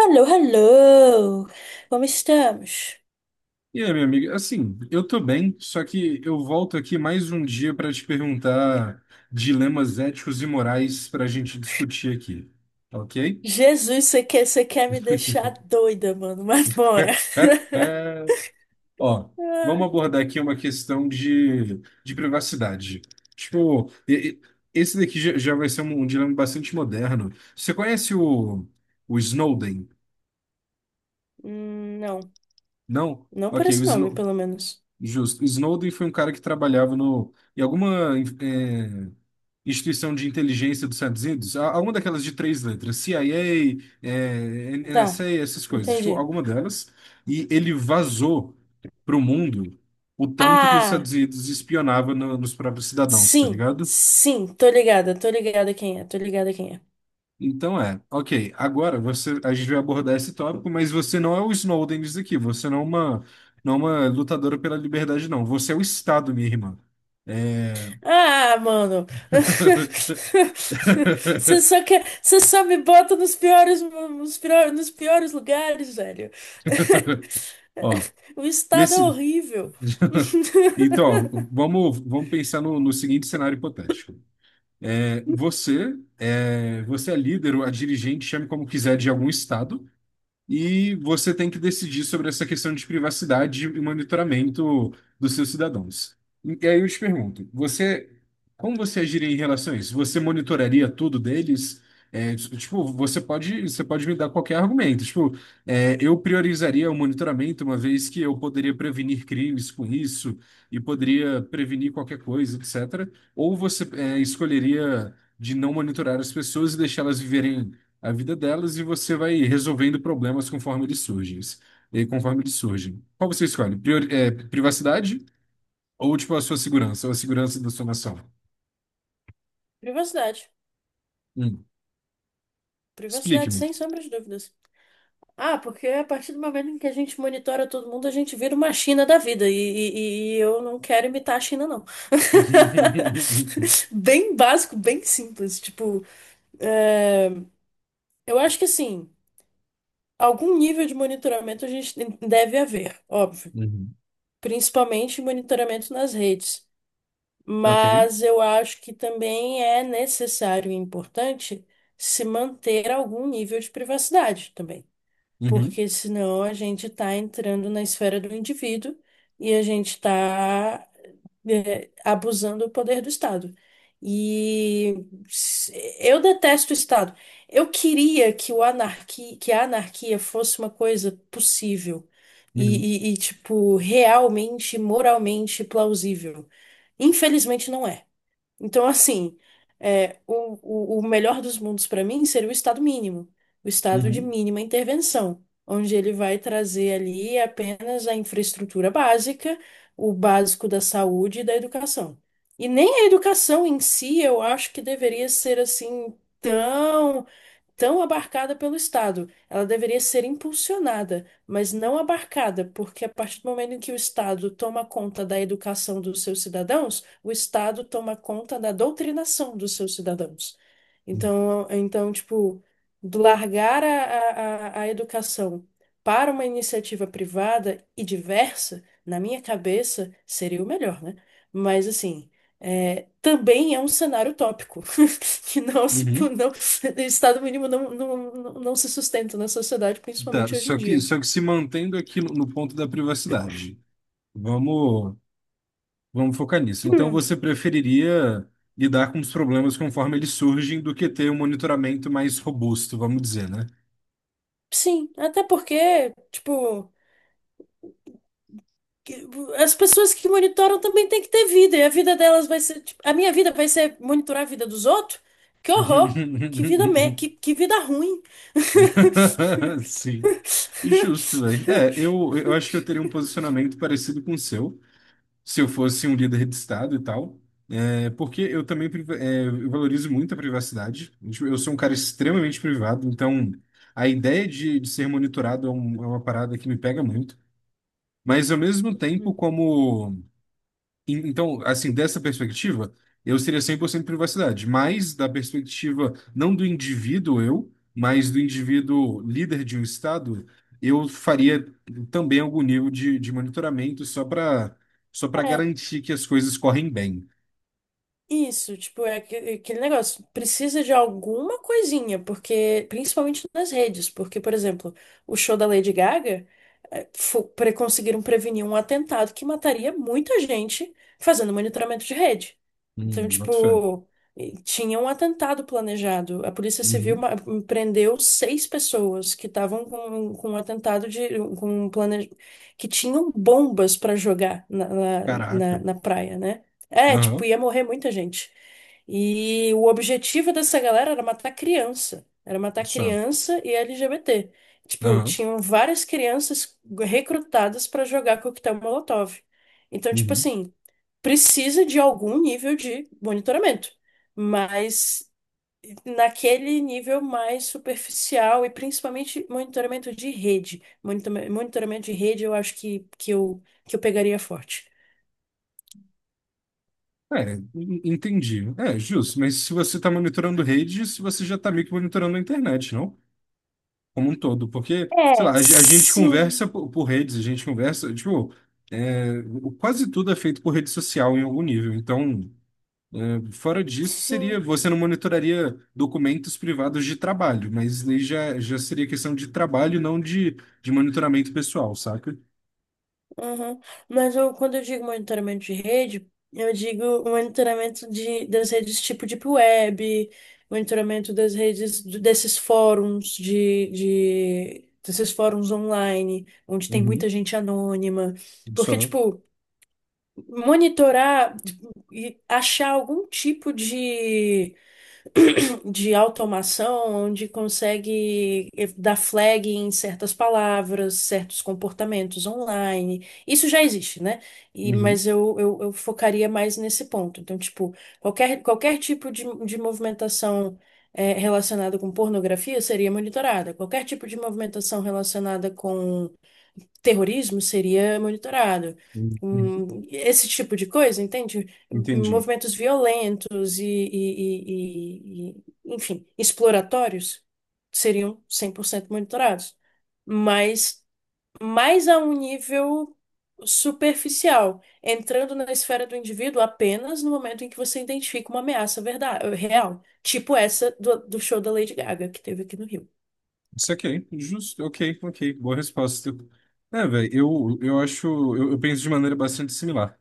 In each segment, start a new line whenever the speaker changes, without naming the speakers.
Alô, alô! Como estamos?
E aí, minha amiga, eu tô bem, só que eu volto aqui mais um dia para te perguntar dilemas éticos e morais para a gente discutir aqui, ok?
Jesus, você quer me deixar doida, mano, mas bora!
Ó, vamos
Ah,
abordar aqui uma questão de privacidade. Tipo, esse daqui já vai ser um dilema bastante moderno. Você conhece o Snowden?
hum, não,
Não?
não por
Ok,
esse nome, pelo menos.
Justo. Snowden foi um cara que trabalhava no, em alguma eh, instituição de inteligência dos Estados Unidos, alguma daquelas de três letras, CIA, NSA,
Tá,
essas coisas, tipo,
entendi.
alguma delas, e ele vazou para o mundo o tanto que os
Ah,
Estados Unidos espionava nos próprios cidadãos, tá
sim,
ligado?
sim, tô ligada quem é, tô ligada quem é.
Ok, agora a gente vai abordar esse tópico, mas você não é o Snowden disso aqui, você não é não é uma lutadora pela liberdade, não, você é o Estado, minha irmã. É,
Ah, mano. Você só quer, você só me bota nos piores, nos piores, nos piores lugares, velho.
Ó,
O estado é
nesse,
horrível.
ó, vamos pensar no seguinte cenário hipotético. É, você é líder ou a dirigente, chame como quiser, de algum estado. E você tem que decidir sobre essa questão de privacidade e monitoramento dos seus cidadãos. E aí eu te pergunto, como você agiria em relação a isso? Você monitoraria tudo deles? É, tipo, você pode me dar qualquer argumento. Tipo, é, eu priorizaria o monitoramento, uma vez que eu poderia prevenir crimes com isso e poderia prevenir qualquer coisa, etc. Ou você, é, escolheria de não monitorar as pessoas e deixá-las viverem a vida delas e você vai resolvendo problemas conforme eles surgem. E conforme eles surgem. Qual você escolhe? Privacidade ou tipo a sua segurança, ou a segurança da sua nação?
Privacidade.
Hum.
Privacidade,
Explique-me.
sem sombra de dúvidas. Ah, porque a partir do momento em que a gente monitora todo mundo, a gente vira uma China da vida. E, e eu não quero imitar a China, não. Bem básico, bem simples. Tipo, é, eu acho que assim. Algum nível de monitoramento a gente deve haver, óbvio,
Uhum.
principalmente monitoramento nas redes.
Ok.
Mas eu acho que também é necessário e importante se manter algum nível de privacidade também,
Uhum.
porque senão a gente está entrando na esfera do indivíduo e a gente está abusando do poder do Estado. E s- eu detesto o Estado. Eu queria que que a anarquia fosse uma coisa possível
Uhum.
e, tipo, realmente, moralmente plausível. Infelizmente não é. Então, assim, é, o, o melhor dos mundos para mim seria o estado mínimo, o estado de
Uhum.
mínima intervenção, onde ele vai trazer ali apenas a infraestrutura básica, o básico da saúde e da educação. E nem a educação em si, eu acho que deveria ser tão abarcada pelo Estado. Ela deveria ser impulsionada, mas não abarcada, porque a partir do momento em que o Estado toma conta da educação dos seus cidadãos, o Estado toma conta da doutrinação dos seus cidadãos. Então, tipo, do largar a educação para uma iniciativa privada e diversa, na minha cabeça, seria o melhor, né? Mas assim, é, também é um cenário utópico que não se,
Uhum.
Estado mínimo não, não se sustenta na sociedade,
Tá,
principalmente hoje em dia.
só que se mantendo aqui no ponto da privacidade. Vamos, vamos focar nisso. Então
Hum,
você preferiria lidar com os problemas conforme eles surgem do que ter um monitoramento mais robusto, vamos dizer, né?
sim, até porque, tipo. que- As pessoas que monitoram também têm que ter vida, e a vida delas vai ser, tipo, a minha vida vai ser monitorar a vida dos outros? Que horror! Que vida ruim!
Sim. Justo, velho. É, eu acho que eu teria um posicionamento parecido com o seu, se eu fosse um líder de Estado e tal. É, porque eu também eu valorizo muito a privacidade. Tipo, eu sou um cara extremamente privado, então a ideia de ser monitorado é, é uma parada que me pega muito. Mas ao mesmo
Uhum.
tempo, então, assim, dessa perspectiva, eu seria 100% privacidade, mas da perspectiva não do indivíduo eu, mas do indivíduo líder de um estado, eu faria também algum nível de monitoramento só para só para
É,
garantir que as coisas correm bem.
isso, tipo, é aquele negócio, precisa de alguma coisinha, porque, principalmente nas redes, porque, por exemplo, o show da Lady Gaga, conseguiram prevenir um atentado que mataria muita gente fazendo monitoramento de rede. Então,
Boto fé.
tipo, e tinha um atentado planejado, a Polícia Civil
Uhum.
prendeu 6 pessoas que estavam com, com um plane... que tinham bombas para jogar na
Caraca.
na praia, né? É, tipo,
Aham.
ia morrer muita gente. E o objetivo dessa galera era matar criança. Era matar
Só.
criança e LGBT. Tipo,
Aham.
tinham várias crianças recrutadas pra jogar coquetel Molotov. Então, tipo
Uhum.
assim, precisa de algum nível de monitoramento, mas naquele nível mais superficial e principalmente monitoramento de rede. Monitoramento de rede eu acho que eu pegaria forte.
É, entendi. É, justo, mas se você está monitorando redes, você já está meio que monitorando a internet, não? Como um todo, porque, sei lá,
É,
a gente
sim,
conversa por redes, a gente conversa, tipo, é, quase tudo é feito por rede social em algum nível. Então, é, fora disso, seria,
sim.
você não monitoraria documentos privados de trabalho, mas aí já seria questão de trabalho, não de, de monitoramento pessoal, saca?
Aham. Mas eu, quando eu digo monitoramento de rede, eu digo monitoramento de, das redes tipo Deep Web, monitoramento das redes desses fóruns de desses fóruns online, onde tem muita
Uhum.
gente anônima. Porque,
Só.
tipo, monitorar tipo, e achar algum tipo de automação onde consegue dar flag em certas palavras, certos comportamentos online. Isso já existe, né? E,
Uhum,
eu focaria mais nesse ponto. Então, tipo, qualquer tipo de movimentação relacionada com pornografia seria monitorada. Qualquer tipo de movimentação relacionada com terrorismo seria monitorado.
uhum, uhum.
Esse tipo de coisa, entende?
Entendi.
Movimentos violentos e, enfim, exploratórios seriam 100% monitorados. Mas mas a um nível superficial, entrando na esfera do indivíduo apenas no momento em que você identifica uma ameaça verdade, real, tipo essa do, do show da Lady Gaga que teve aqui no Rio.
Isso aqui, justo, ok, ok, boa resposta. É, velho, eu acho, eu penso de maneira bastante similar.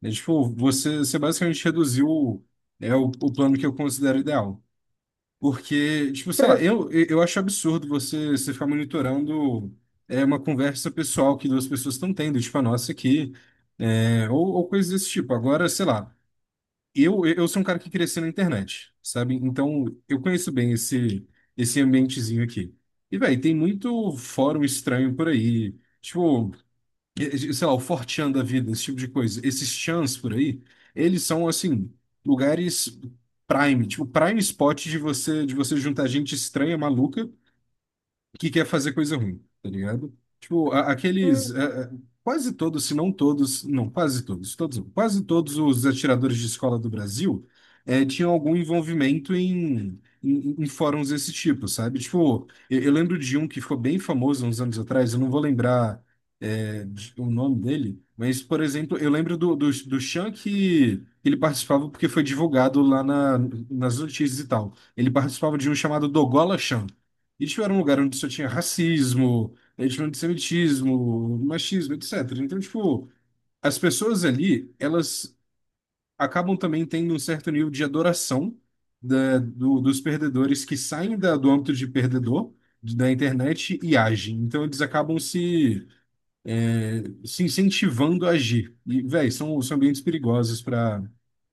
Né? Tipo, você basicamente reduziu é, o plano que eu considero ideal. Porque, tipo, sei lá, eu acho absurdo você ficar monitorando é, uma conversa pessoal que duas pessoas estão tendo, tipo a nossa aqui, é, ou coisas desse tipo. Agora, sei lá, eu sou um cara que cresceu na internet, sabe? Então, eu conheço bem esse, esse ambientezinho aqui. E, velho, tem muito fórum estranho por aí. Tipo, sei lá, o Fortean da vida, esse tipo de coisa, esses chans por aí, eles são assim, lugares prime, tipo prime spot de você juntar gente estranha, maluca que quer fazer coisa ruim, tá ligado? Tipo, aqueles.
Hum.
É, é, quase todos, se não todos. Não, quase todos, todos, não, quase todos os atiradores de escola do Brasil é, tinham algum envolvimento em fóruns desse tipo, sabe? Tipo, eu lembro de um que ficou bem famoso uns anos atrás, eu não vou lembrar é, o nome dele, mas, por exemplo, eu lembro do Chan que. Ele participava porque foi divulgado lá nas notícias e tal. Ele participava de um chamado Dogola Chan, e tipo, era um lugar onde só tinha racismo, né, tinha antissemitismo, machismo, etc. Então, tipo, as pessoas ali, elas acabam também tendo um certo nível de adoração dos perdedores que saem do âmbito de perdedor da internet e agem. Então, eles acabam se incentivando a agir. E, velho, são, são ambientes perigosos para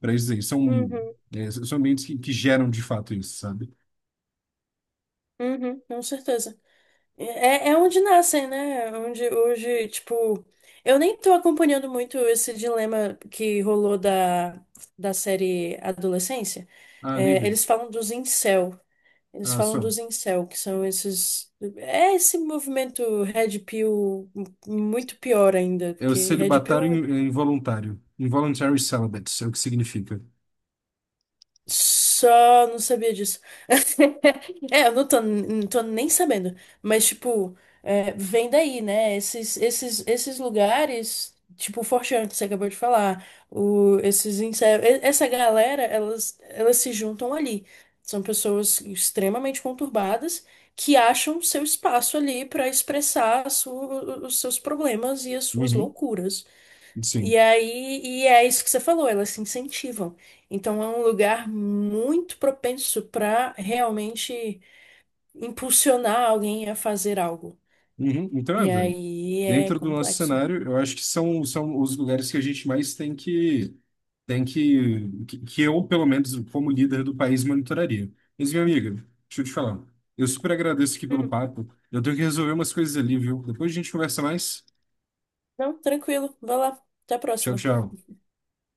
para isso aí. São,
Uhum,
é, são ambientes que geram de fato isso, sabe?
uhum, com certeza. É, é onde nascem, né? É onde hoje, tipo, eu nem tô acompanhando muito esse dilema que rolou da, da série Adolescência.
Ah, nem
É,
vi.
eles falam dos incel. Eles
Ah,
falam
só.
dos incel, que são esses. É esse movimento Red Pill muito pior ainda,
É o
porque Red
celibatário
Pill
é involuntário. Involuntary celibate, é o que significa.
só não sabia disso. É, eu não tô, não tô nem sabendo. Mas, tipo, é, vem daí, né? Esses lugares, tipo o Forchan, que você acabou de falar, o, esses insetos, essa galera, elas se juntam ali. São pessoas extremamente conturbadas que acham seu espaço ali pra expressar os seus problemas e as suas
Uhum.
loucuras. E
Sim.
aí, e é isso que você falou, elas se incentivam. Então é um lugar muito propenso para realmente impulsionar alguém a fazer algo.
Uhum. Então, é,
E
velho.
aí é
Dentro do nosso
complexo.
cenário, eu acho que são, são os lugares que a gente mais tem que, tem que eu, pelo menos, como líder do país, monitoraria. Mas, minha amiga, deixa eu te falar. Eu super agradeço aqui pelo
Hum,
papo. Eu tenho que resolver umas coisas ali, viu? Depois a gente conversa mais.
não, tranquilo. Vai lá. Até a
Tchau,
próxima.
tchau.